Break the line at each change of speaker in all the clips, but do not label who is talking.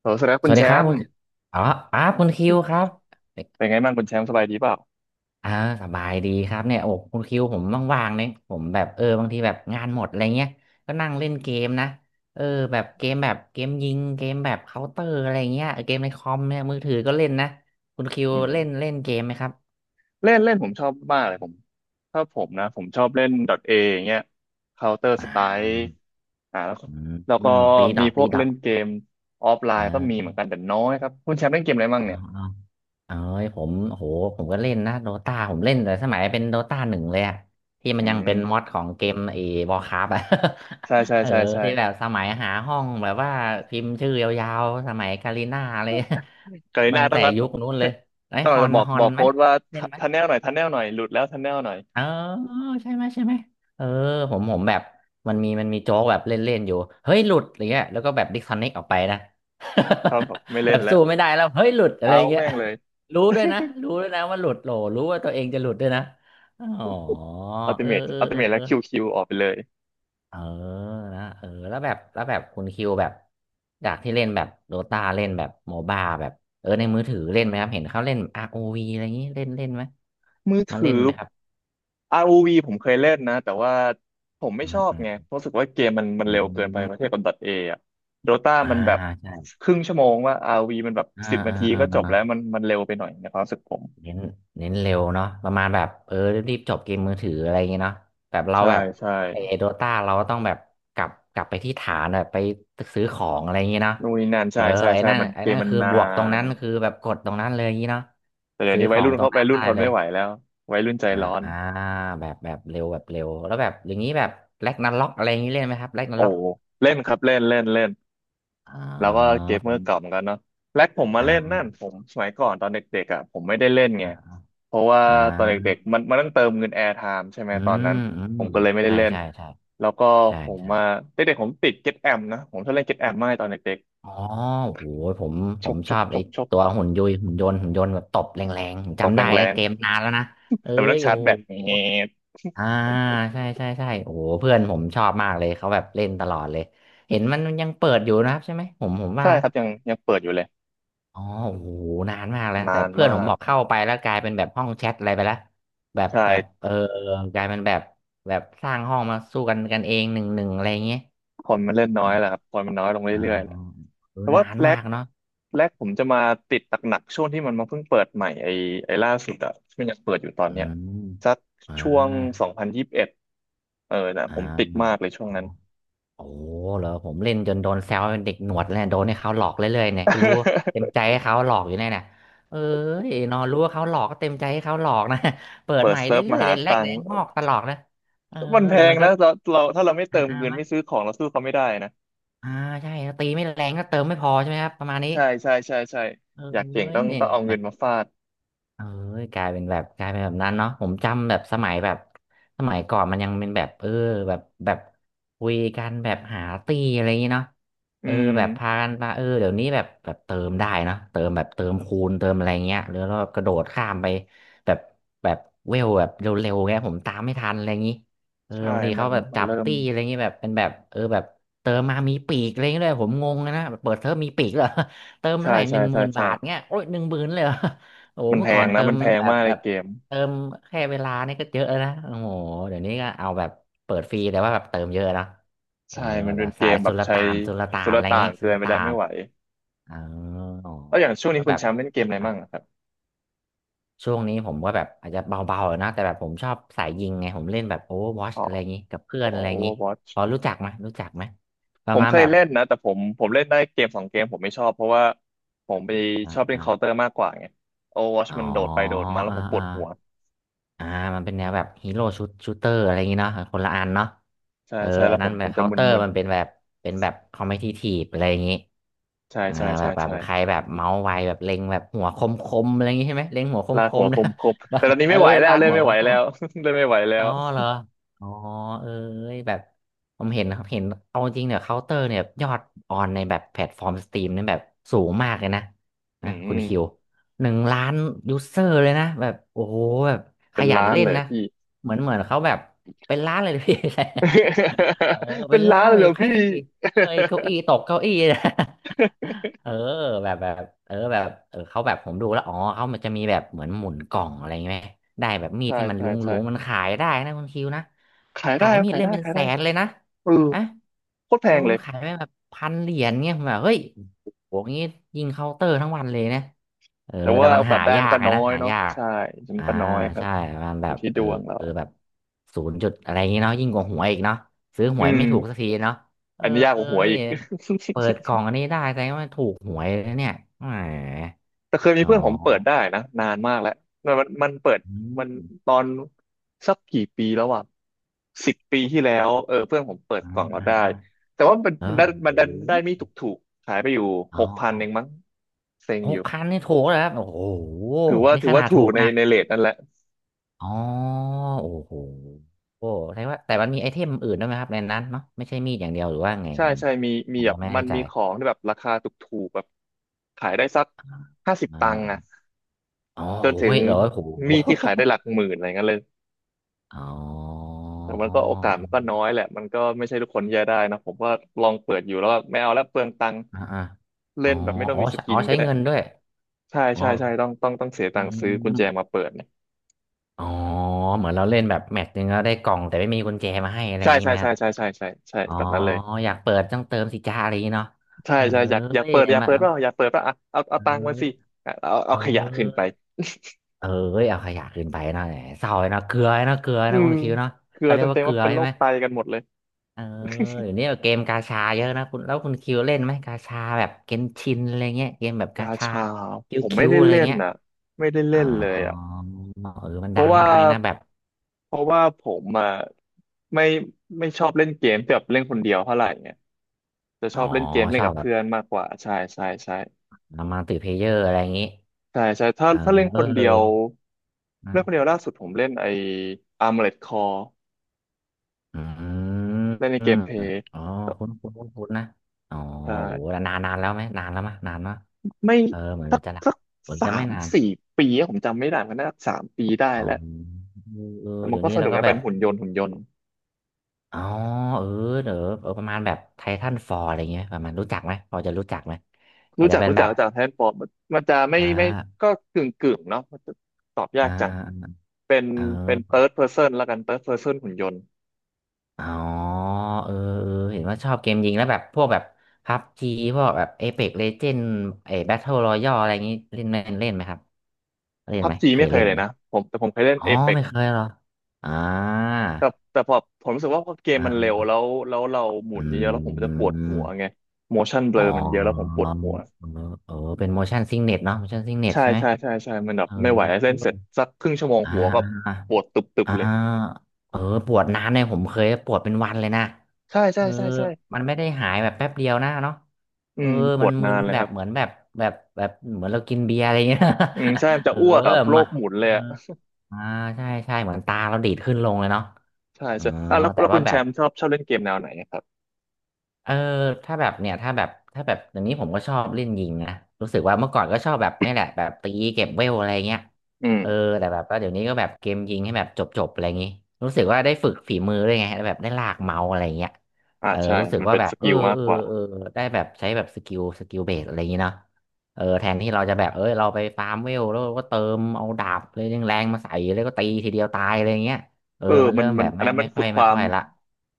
โหสวัสดีครับ
ส
คุณ
วัส
แช
ดีครับ
ม
คุณ
ป์
อ๋ออ๋อคุณคิวครับ
เป็นไงบ้างคุณแชมป์สบายดีเปล่า
อ่าสบายดีครับเนี่ยโอ้คุณคิวผมว่างๆเนี่ยผมแบบเออบางทีแบบงานหมดอะไรเงี้ยก็นั่งเล่นเกมนะ เออแบบเกมแบบเกมยิงเกมแบบเคาน์เตอร์อะไรเงี้ยเกมในคอมเนี่ยมือถือก็เล่นนะคุณคิว
อืม
เล่นเล่นเกมไหมครับ
เล่นเล่นผมชอบมากเลยผมถ้าผมนะผมชอบเล่น .A อย่างเงี้ย Counter
อา
Strike แล้วก็
ืม
แล้ว
อื
ก็
มตีด
มี
อท
พ
ตี
วก
ดอ
เล่
ท
นเกมออฟไล
เอ
น์ก็มีเห
อ
มือนกันแต่น้อยครับคุณแชมป์เล่นเกมอะไรบ้า
อ๋
ง
อ
เนี่ย
เอ้ยผมโหผมก็เล่นนะโดตาผมเล่นแต่สมัยเป็นโดตาหนึ่งเลยอะที่มั
อื
นยัง
ม
เป็นมอดของเกมเอวอร์คราฟอะ
ใช่ใช่
เออ
ใช่ใช่
ที่แบบสมัยหาห้องแบบว่าพิมพ์ชื่อยาวๆสมัยกาลิน่าเลย
กรี น่า
ตั้ง
ต้อ
แต่
งรัด
ยุคนู้นเลยไอ้
ต้อง
ฮอ
จะ
น
บอก
ฮอ
บ
น
อก
ไห
โค้
ม
ดว่า
เล่นไหม
ทันแนลหน่อยทันแนลหน่อยหลุดแล้วทันแนลหน่อย
เออใช่ไหมใช่ไหมเออผมแบบมันมีโจ๊กแบบเล่นๆอยู่เฮ้ยหลุดอะไรเงี้ยแล้วก็แบบดิสคอนเน c t ออกไปนะ
ครับผมไม่
แบ
เล่น
บ
แล้ว
สู้ไม่ได้แล้วเฮ้ยหลุดอะไร
เอา
เงี้ย
แม่งเลย
รู้ด้วยนะรู้ด้วยนะว่าหลุดโหลรู้ว่าตัวเองจะหลุดด้วยนะอ๋อ
อัลติ
เออ
เมท
เออ
อัลติ
เออ
เมทแล้
เอ
ว
อ
คิวคิวออกไปเลย
เออนะเออแล้วแบบแล้วแบบคุณคิวแบบจากที่เล่นแบบโดตาเล่นแบบโมบ้าแบบเออในมือถือเล่นไหมครับเห็นเขาเล่น ROV อวีอะไรอย่างนี้เล่นเล่นไหม
มือ
มาเล่
ถื
น
อ
ไหมครับ
r u v ผมเคยเล่นนะแต่ว่าผมไม่
อื
ช
ม
อบ
อื
ไง
ม
เพราะรู้สึกว่าเกมมันมัน
อื
เร็วเกินไป
ม
ประเทศกับ .A อะโดต้า
อ่า
มันแบบ
ใช่
ครึ่งชั่วโมงว่า r u v มันแบบ
อ่า
สิบนา
อ่า
ที
อ่า
ก็จบ
อ่า
แล้วมันมันเร็วไปหน่อยในความรู้สึกผม
เน้นเน้นเร็วเนาะประมาณแบบเออรีบๆจบเกมมือถืออะไรอย่างเงี้ยเนาะแบบเรา
ใช่
แบบ
ใช่
ไอโดต้าเราก็ต้องแบบกลับไปที่ฐานแบบไปซื้อของอะไรอย่างเงี้ยเนาะ
นู่นนี่นั่น
เอ
ใช่
อ
ใช่
ไอ้
ใช่
นั่น
มัน
ไอ้
เก
นั่
ม
น
มัน
คือ
นา
บวกตรง
น
นั้นคือแบบกดตรงนั้นเลยอย่างงี้เนาะ
แต่เดี๋ยว
ซื้อ
นี้
ข
วัย
อง
รุ่น
ตร
เขา
ง
วั
นั้
ย
น
รุ่น
ได้
ทน
เล
ไม่
ย
ไหวแล้ววัยรุ่นใจ
อ่
ร้อน
าแบบแบบเร็วแบบเร็วแล้วแบบอย่างนี้แบบแร็กนาร็อกอะไรอย่างนี้เล่นไหมครับแร็กนา
โอ้
ร็อก
เล่นครับเล่นเล่นเล่น
อ่า
แล้วก็เกม
ผ
เมอ
ม
ร์เก่าเหมือนกันเนาะแล็กผมมาเล่น
อ่า
นั่นผมสมัยก่อนตอนเด็กๆอ่ะผมไม่ได้เล่นไงเพราะว่า
อ่
ตอนเด็ก
า
ๆมันมันต้องเติมเงินแอร์ไทม์ใช่ไหม
อื
ตอนนั้
ม
น
อื
ผ
ม
มก็เลยไม่ได้
ใช่
เล่น
ใช่ใช่
แล้วก็
ใช่
ผม
ใช่
มาเด็กๆผมติดเก็ตแอมนะผมชอบเล่นเก็ตแอมมากตอนเด็ก
อ๋อโหผม
ๆ
ผ
ช
ม
กช
ชอ
ก
บ
ช
ไอ้
กชก
ตัวหุ่นยุยหุ่นยนต์หุ่นยนต์แบบตบแรงๆผม
ตบ
จำได้
แร
นะ
ง
เกมนานแล้วนะเอ้
ๆแต่มันต้อ
ย
ง
โอ้
ชาร์จ
โ
แบตเงี้ย
หอ่าใช่ใช่ใช่โอ้โหเพื่อนผมชอบมากเลยเขาแบบเล่นตลอดเลย เห็นมันยังเปิดอยู่นะครับใช่ไหมผมผม
ใช่
ว่า
ครับยังยังเปิดอยู่เลย
อ๋อโอ้โหนานมากแล้ว
นา
แต่
น
เพื่อน
มา
ผม
ก
บอกเข้าไปแล้วกลายเป็นแบบห้องแชทอะไรไปแล้ว แบบแบบ
ใช่
เออกลายเป็นแบบแบบสร้างห้องมาสู้กันกันเองหนึ่งหนึ่งอะไรอย่างเงี้ย
คนมันเล่นน้อยแหละ
อ่า
ครับคนมันน้อยลง
อ่า
เรื่อยๆแหละ
เออ
แต่
นา
ว่า
น
แร
มา
ก
กเนาะ
แรกผมจะมาติดหนักๆช่วงที่มันมาเพิ่งเปิดใหม่ไอ้ไอ้ล่าสุดอะที่มันยังเปิดอยู่ตอน
อื
เนี้ย
ม
สัก
อ่า
ช่วง2021เออนะ
อ่า
ผมติดมากเลยช่ว
อ๋
ง
อ
นั้น
โอ้เหรอผมเล่นจนโดนแซวเป็นเด็กหนวดเลยโดนให้เขาหลอกเรื่อยๆเนี่ยก็รู้เต็มใจให้เขาหลอกอยู่เนี่ยเนีเอ้ยนอนรู้ว่าเขาหลอกก็เต็มใจให้เขาหลอกนะ เปิ ด
เปิ
ให
ด
ม่
เซิร์ฟ
เรื่อ
มา
ยๆ
หา
เด็แร
ตั
ก
ง
เด็
ค์
งอกตลอดนะเออ
มันแพ
แต่มั
ง
นก็
นะเราเราถ้าเราไม่เติมเงิน
มั้ย
ไม่ซื้อของเราสู้เขาไม่ได้นะ
อ่าใช่ตีไม่แรงก็เติมไม่พอใช่ไหมครับประมาณนี้
ใช่ใช่ใช่ใช่
เอ
อยากเก่ง
้ย
ต้อง
เนี่
ต้องเอาเงิ
ย
นมาฟาด
เออกลายเป็นแบบกลายเป็นแบบนั้นเนาะผมจำแบบสมัยแบบสมัยก่อนมันยังเป็นแบบเออแบบแบบคุยกันแบบหาตีอะไรอย่างงี้เนาะ
อื
เออ
ม
แบบพากันมาเออเดี๋ยวนี้แบบแบบเติมได้เนาะเติมแบบเติมคูณเติมอะไรเงี้ยหรือเราแบบกระโดดข้ามไปแบบแบบเวลแบบเร็วๆเงี้ยผมตามไม่ทันอะไรอย่างงี้เออ
ใช่
บางที
มั
เขา
น
แบบ
มัน
จับ
เริ่ม
ตีอะไรอย่างงี้แบบเป็นแบบเออแบบเติมมามีปีกอะไรอย่างเงี้ยด้วยผมงงเลยนะแบบเปิดเทอมมีปีกเหรอ เติม
ใช่
เท่าไหร่ห
ใช่
นึ่งห
ใช่
มื่น
ใช่
บาทเงี้ยโอ้ยหนึ่งหมื่นเลยเหรอ โอ้โห
มัน
เมื่
แพ
อก่อ
ง
น
นะ
เติ
มั
ม
นแพง
แบบ
มากใน
แบบ
เกม
เติมแค่เวลานี่ก็เยอะแล้วนะโอ้โหเดี๋ยวนี้ก็เอาแบบเปิดฟรีแต่ว่าแบบเติมเยอะเนอะเออ
ใช่มั
แบ
น
บ
เป็
ว่า
นเก
สาย
มแบ
สุ
บ
ล
ใช้
ต่านสุลต่า
สุ
น
ล
อะไรอย่าง
ต่า
งี้
น
สุ
เกิน
ล
ไป
ต่า
แล้วไม่
น
ไหว
อ๋อ
แล้วอย่างช่วง
แล้
นี้
ว
คุ
แบ
ณ
บ
แชมป์เล่นเกมอะไร
ครั
บ้า
บ
งอะครับ
ช่วงนี้ผมก็แบบอาจจะเบาๆนะแต่แบบผมชอบสายยิงไงผมเล่นแบบ Overwatch
อ๋อ
อะไรอย่างงี้กับเพื่อ
อ๋
น
อ
อะไรอย่างงี้
Overwatch
พอรู้จักไหมรู้จักไหมป
ผ
ระ
ม
มาณ
เคย
แบบ
เล่นนะแต่ผมเล่นได้เกมสองเกมผมไม่ชอบ เพราะว่าผมไป
อ
ชอบเล่น
่า
Counter มากกว่าไง
ๆ
Overwatch
อ๋อ
มันโดดไปโดดมาแล้ว
อ่า
ผมปวดหัว
ๆ อ่ามันเป็นแนวแบบฮีโร่ชุดชูเตอร์อะไรอย่างงี้เนาะคนละอันเนาะ
ใช่
เออ
ใช่
อั
แล้ว
น
ผ
นั้น
ม
แบ
ผ
บ
มจะ
เคาน์
ม
เตอร์
ึน
มันเป็นแบบเป็นแบบคอมเพี่ทีฟอะไรอย่างงี้
ๆใช่
อ่า
ใช่
แบ
ใช่
บแบบ
ใช่
ใครแบบเมาส์ไวแบบเล็งแบบหัวคมคมอะไรอย่างงี้ใช่ไหมเล็งหัวคม
ลา
ค
กหั
ม
วค
นะ
มคมแต่ตอน นี้
เออ
ไม่ไหวแล้ว
ลาก
เล่น
หัว
ไม่
ค
ไหวแล้
ม
ว เล่นไม่ไหวแล้
อ๋
ว
อเหรออ๋อเอ้ยแบบผมเห็นนะครับเห็นเอาจริงเนี่ยเคาน์เตอร์เนี่ยยอดออนในแบบแพลตฟอร์มสตรีมเนี่ยแบบสูงมากเลยนะ
อื
นะคุ
ม
ณคิว1,000,000ยูเซอร์เลยนะแบบโอ้โหแบบข
เป็น
ยัน
ล้าน
เล่น
เลย
นะ
พี่
เหมือนเขาแบบเป็นล้านเลย นะพี่ เออ
เป็
เป็
น
น
ล้า
ล้าน
นเลย
เล
เห
ย
รอ
ไพ่
พี่
เอ้ยเก้าอี้ตกเก้าอี้ นะ เออ แบบแบบเออแบบเออเขาแบบผมดูแล้วอ๋อเขามันจะมีแบบเหมือนหมุนกล่องอะไรไหมได้แบบมีด
ใช่
ที่มัน
ใช่
ลุง
ใช่
ลุงมันขายได้นะคุณคิวนะ
ขาย
ขา
ได้
ยมีด
ขาย
เล่ม
ได้
เป็น
ขาย
แส
ได้
นเลยนะ
เออ
อะ
โคตรแพ
โอ้
งเลย
ขายไปแบบพันเหรียญเงี่ยผมแบบเฮ้ยโหงี้ยิงเคาน์เตอร์ทั้งวันเลยนะเออ
แต่
แต่
ว่า
มัน
โอกา
หา
สได้
ยา
มัน
ก
ก็
ไง
น้อ
นะ
ย
หา
เนาะ
ยาก
ใช่มัน
อ่า
ก็น้อยครับ
ใช่มัน
อ
แบ
ยู่
บ
ที่ด
เออ
วงเรา
เออแบบศูนย์จุดอะไรอย่างงี้เนาะยิ่งกว่าหวยอีกเนาะซื้อห
อื
วย
ม
ไม่ถูกสักทีเนาะเออ
อันนี้ยากกว่าหวยอีก
เปิดกล่องอันนี้ได้แสดงว่าถูกหวยแล้วเนี่ยแหม
แต่เคยมี
อ๋
เพื่อนผมเปิด
อ
ได้นะนานมากแล้วมันมันมันเปิด
อื
มัน
ม
ตอนสักกี่ปีแล้วอ่ะ10 ปีที่แล้วเออเพื่อนผมเปิด
อ่า
กล่องเรา
อ่า
ได้แต่ว่ามัน
อ่าเออ
มันได้
โอ้โห
มันดันได้ไม่ถูกถูกขายไปอยู่
อ๋อ
6,000เองมั้งเซ็ง
ห
อ
ก
ยู่
พันนี่ถูกแล้วครับโอ้โห
ถือว่า
นี่
ถือ
ข
ว่า
นาด
ถู
ถู
ก
ก
ใน
นะ
ในเรทนั่นแหละ
อ๋อโอ้โหโอ้แสดงว่าแต่มันมีไอเทมอื่นด้วยไหมครับในนั้นเนาะไม่ใช่มีดอย่างเดียวหรือว่าไง
ใช่
ผม
ใช่มีมี
ผม
แบ
ก็
บ
ไม่แน่
มัน
ใจ
มีของที่แบบราคาถูกๆแบบขายได้สักห้าสิบ
อ่
ตังค์อะ
าอ๋อ
จน
โอ้
ถึง
ยเหรอโอ้โห
มีดที่ขายได้หลักหมื่นอะไรเงี้ยเลย
อ๋อ
แต่มันก็โอกาสมันก็น้อยแหละมันก็ไม่ใช่ทุกคนจะได้นะผมก็ลองเปิดอยู่แล้วก็ไม่เอาแล้วเปลืองตังค์
อ่าอ่าอ๋
เล่
อ
นแบบไม่ต้อ
อ๋
ง
อ
มีส
ใช้
กิ
อ๋อ
น
ใช้
ก็ได้
เงินด้วย
ใช่
อ๋อ
ใช่ใช่ต้องต้องเสีย
อื
ตังค์ซื้อกุญแจ
ม
มาเปิดเนี่ย
อ๋อเหมือนเราเล่นแบบแมตช์หนึงแล้วได้กล่องแต่ไม่มีกุญแจมาให้อะไรอ
ใช่
ย่างนี้
ใช่
ไหมค
ใช่
รับ
ใช่ใช่ใช่ใช่
อ๋อ
แบบนั้นเลย
อยากเปิดต้องเติมสิจ้าอะไรอย่างนี้เนาะ
ใช่
เอ้
ใช่อยากอยาก
ย
เปิดอยาก
มา
เปิดเปล่าอยากเปิดเปล่าอ่ะเอาเอา
เอ
ตังค์มา
อ
สิอ่ะเอา
เอ
เอาขยะขึ้นไป
อเอ้ยเอาขยะขึ้นไปเนาะแหมเศร้าเลยเนาะเกลือเนาะเกลือ
อื
นะ
ม
คุณคิวเนาะ
เกลือ
เขาเรียกว่า
เต็ม
เก
ๆ
ลื
ว่า
อ
เป็นโร
ใช่ไห
ค
ม
ไตกันหมดเลย
เออเดี๋ยวนี้เกมกาชาเยอะนะคุณแล้วคุณคิวเล่นไหมกาชาแบบเกนชินอะไรเงี้ยเกมแบบกา
กา
ชา
ชา
คิ
ผ
ว
ม
คิ
ไม่
ว
ได้
อะไร
เล่น
เงี้ย
น่ะไม่ได้
อ๋
เล่
อ
นเลยอ่ะ
เออมัน
เพ
ดั
ราะ
ง
ว่า
มากเลยนะแบบ
เพราะว่าผมอ่ะไม่ไม่ชอบเล่นเกมแบบเล่นคนเดียวเท่าไหร่เนี่ยจะช
อ๋อ
อบเล่นเกมเล่
ช
น
อบ
กับ
แบบ
เพื่อนมากกว่าใช่ใช่ใช่
มาติเพลเยอร์อะไรอย่างนี้
ใช่ใช่ถ้าถ้าเล่นค
เออ
นเดียวเล่นคน
นะ
เดียวล่าสุดผมเล่นไอ้ Armored Core
อืม
เล่นในเกมเพลย์
อ๋อคุ้นคุ้นคุ้นคุ้นนะอ๋อ
ใช่
โอ้โหแล้วนานแล้วไหมนานแล้วมะนานมะ
ไม่
เออเหมือน
สัก
จะนา
สั
น
ก
เหมือน
สา
จะไม่
ม
นาน
สี่ปีอะผมจำไม่ได้มันน่าจะ3 ปีได้
อ๋
แล้ว
อเออ
แต่มัน
เดี๋ยว
ก็
นี้
ส
แล้
นุ
ว
ก
ก็
นะ
แบ
เป็น
บ
หุ่นยนต์หุ่นยนต์
อ๋อเออเดี๋ยวเออประมาณแบบไททันฟอร์อะไรเงี้ยประมาณรู้จักไหมพอจะรู้จักไหมอา
รู้
จจะ
จัก
เป็น
รู้
แบ
จัก
บ
รู้จักแฮนด์ฟอร์มมันจะไม่
อ่
ไม่
า
ก็กึ่งกึ่งเนาะมันจะตอบยา
อ่า
กจังเป็น
อ่า
เป็น
เอ
เ h ิ
อ
ร์ดเพ s o เแนละกันเ h ิร์ดเพ s o เ n นหุ่นยนต์
อ๋อเออเออเห็นว่าชอบเกมยิงแล้วแบบพวกแบบพับจีพวกแบบเอเ x กเลเจนด์ไอ้แบทเทิลรอยัลอะไรอย่างงี้เล่นไหมเล่นไหมครับเล่น
พั
ไห
บ
ม
จี
เค
ไม่
ย
เค
เล่
ย
น
เลย
ไหม
นะผมแต่ผมเคยเล่น
อ๋อ
เอ e ปก
ไม่เคยเหรออ่า
แต่แต่พอผมรู้สึกว่าพอเกม
อ่า
มันเร็วแล้วแล้วเราหมุน
อื
เยอะๆแล้วผมจะปวดหัวไง
ม
motion
อ๋
blur มันเยอะแล้วผม
อ
ปวดหัว
เออเออเป็น motion sickness เนาะ motion sickness
ใช่
ใช่ไหม
ใช่ใช่ใช่มันแบ
เอ
บ
อ
ไม่ไหวเล่นเสร็จสักครึ่งชั่วโมง
อ่า
หัวก็ปวดตุบ
อ่า
ๆเลย
เออปวดนานเนี่ยผมเคยปวดเป็นวันเลยนะ
ใช่ใช่
เออ
ใช่ใช่
มันไม่ได้หายแบบแป๊บเดียวนะเนาะ
อื
เออ
มป
มั
ว
น
ด
มึ
นา
น
นเลย
แบ
ค
บ
รับ
เหมือนแบบแบบแบบเหมือนเรากินเบียร์อะไรเงี้ย
อืมใช่มัน จะ
เออ
อ้วกกับโร
มา
คหมุนเล
เอ
ย
อ
อะ
อ่าใช่ใช่เหมือนตาเราดีดขึ้นลงเลยเนาะ
ใช่
อ๋อ
ใช่อ่ะแล้ว
แต่
แล้วคุ
ว่า
ณ
แบ
แช
บ
มป์ชอบชอบเล่นเกมแนวไหนอะครับ
เออถ้าแบบเนี่ยถ้าแบบถ้าแบบเดี๋ยวนี้ผมก็ชอบเล่นยิงนะรู้สึกว่าเมื่อก่อนก็ชอบแบบนี่แหละแบบตีเก็บเวลอะไรเงี้ย
อื
เออ
ม
แต่แบบว่าเดี๋ยวนี้ก็แบบเกมยิงให้แบบจบจบอะไรอย่างงี้รู้สึกว่าได้ฝึกฝีมือด้วยไงได้วแบบได้ลากเมาส์อะไรเงี้ยเออ
ใช่
รู้สึก
มัน
ว่า
เป็น
แบ
ส
บเอ
กิ
อ
ลมาก
เออ
กว่า
เออได้แบบใช้แบบสกิลเบสอะไรอย่างงี้เนาะเออแทนที่เราจะแบบเออเราไปฟาร์มเวลแล้วก็เติมเอาดาบเลยแรงๆมาใส่แล้วก็ตีทีเดียวตายอะไรเงี้ยเออ
เออ
มัน
มั
เริ่
น
ม
มั
แบ
น
บ
อัน
ไม่
นั้นมั
ไม่
น
ค่
ฝึ
อ
ก
ย
ค
ไม่
วาม
ค่อยละ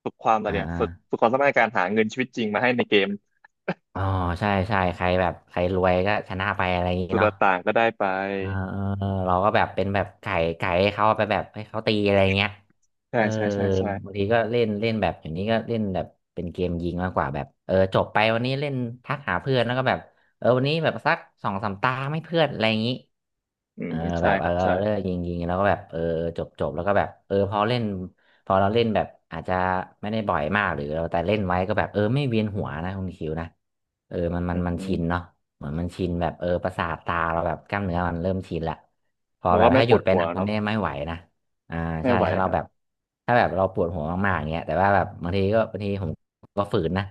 ฝึกความอะไร
อ่
เนี่ยฝึกฝึ
า
กความสามารถในการหาเงินชีวิตจริงมาให้ในเกม
อ๋อใช่ใช่ใครแบบใครรวยก็ชนะไปอะไรอย่างงี้
สุดต
เนาะ
่าง ก็ได้ไป
เออเออเราก็แบบเป็นแบบไก่ไก่ให้เขาไปแบบให้เขาตีอะไรเงี้ย
ใช่
เออ
ใช่ใช่ใช่
บางทีก็เล่นเล่นแบบอย่างนี้ก็เล่นแบบเป็นเกมยิงมากกว่าแบบเออจบไปวันนี้เล่นทักหาเพื่อนแล้วก็แบบเออวันนี้แบบสักสองสามตาไม่เพื่อนอะไรอย่างนี้
อืม
เออแบ
ใช่
บ
ค
เออ
รับใช่
เลิกยิงยิงแล้วก็แบบเออจบจบแล้วก็แบบเออพอเราเล่นแบบอาจจะไม่ได้บ่อยมากหรือเราแต่เล่นไว้ก็แบบเออไม่เวียนหัวนะคุณคิวนะเออมันมั
อื
น
ม
มัน
อืม
ชินเนาะ เหมือนมันชินแบบเออประสาทตาเราแบบกล้ามเนื้อมันเริ่มชินละพอ
มัน
แบ
ก็
บ
ไม่
ถ้า
ป
หยุ
ว
ด
ด
ไป
หัว
นานมัน
เนาะ
เนี่ยไม่ไหวนะอ่า
ไม่
ใช่
ไหว
ถ้า
ค
เรา
รั
แบบ
บ
เราปวดหัวมากๆอย่างเงี้ยแต่ว่าแบบบางทีก็บางทีผมก็ฝืนนะ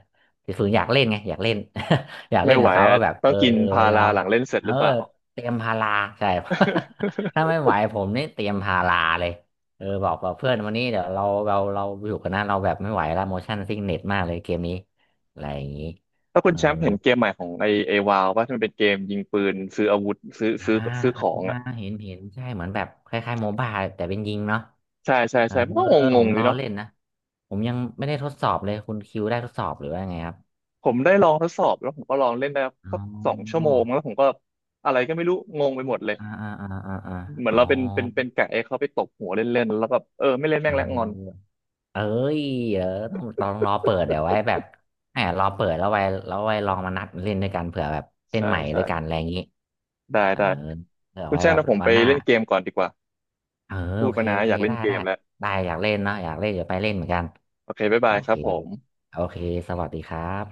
คือฝืนอยากเล่นไงอยากเล่น อยากเล่
ไม่
น
ไห
กั
ว
บเขาก็
อ่ะ
แบบ
ต้
เอ
อง
อ
กิน
เออพ
พา
ยายา
รา
ม
หลังเล่นเสร็จ
เอ
ห
อ
รือเปล่า
เตรียมพาราใช่ ถ้าไม่ ไหวผมนี่เตรียมพาราเลยเออบอกกับเพื่อนวันนี้เดี๋ยวเราอยู่กันนะเราแบบไม่ไหวละโมชั่นซิกเน็ตมากเลยเกมนี้อะไรอย่างนี้
ถ้า คุ
เอ
ณ
อ
แชมป์เห็นเกมใหม่ของไอไอวาวว่ามันเป็นเกมยิงปืนซื้ออาวุธซื้อ
อ่า
ซื้อซื้อข
อ่า
องอ่ะ
เห็นใช่เหมือนแบบคล้ายๆโมบ้าแต่เป็นยิงเนาะ
ใช่ใช่
เออ
ใช่มันก็ง
ผ
ง
ม
ๆ
ร
ดี
อ
เนาะ
เล่นนะผมยังไม่ได้ทดสอบเลยคุณคิวได้ทดสอบหรือว่าไงครับ
ผมได้ลองทดสอบแล้วผมก็ลองเล่นได้
อ๋
สักสองชั่ว
อ
โมงแล้วผมก็อะไรก็ไม่รู้งงไปหมดเลย
อ่าอ่าอ่าอ่าอา
เหมือ
อ๋
น
อ
เราเป็นเป็นเป็นไก่ให้เขาไปตบหัวเล่นๆแล้วแบบเออไม่เล่น
เ
แม่งแล้วงอน
ออเอ้ยเออต้องรอเปิดเดี๋ยวไว้แบบแหมรอเปิดแล้วไว้ลองมานัดเล่นด้วยกันเผื่อแบบเล่น
ใช่
ใหม่
ใช่
ด้วยกันอะไรอย่างนี้
ได้
เออ
ได้
เผื่อ
คุณ
ไว้
แจ้ง
แบบ
นะผม
วั
ไป
นหน้า
เล่นเกมก่อนดีกว่า
เออ
พู
โอ
ด
เค
มานะ
โอ
อ
เค
ยากเล่
ได้
นเก
ได้
มแล้ว
ได้อยากเล่นเนาะอยากเล่นเดี๋ยวไปเล่นเหมือนกัน
โอเคบ๊าย
โอ
บายค
เค
รับผม
โอเค สวัสดีครับ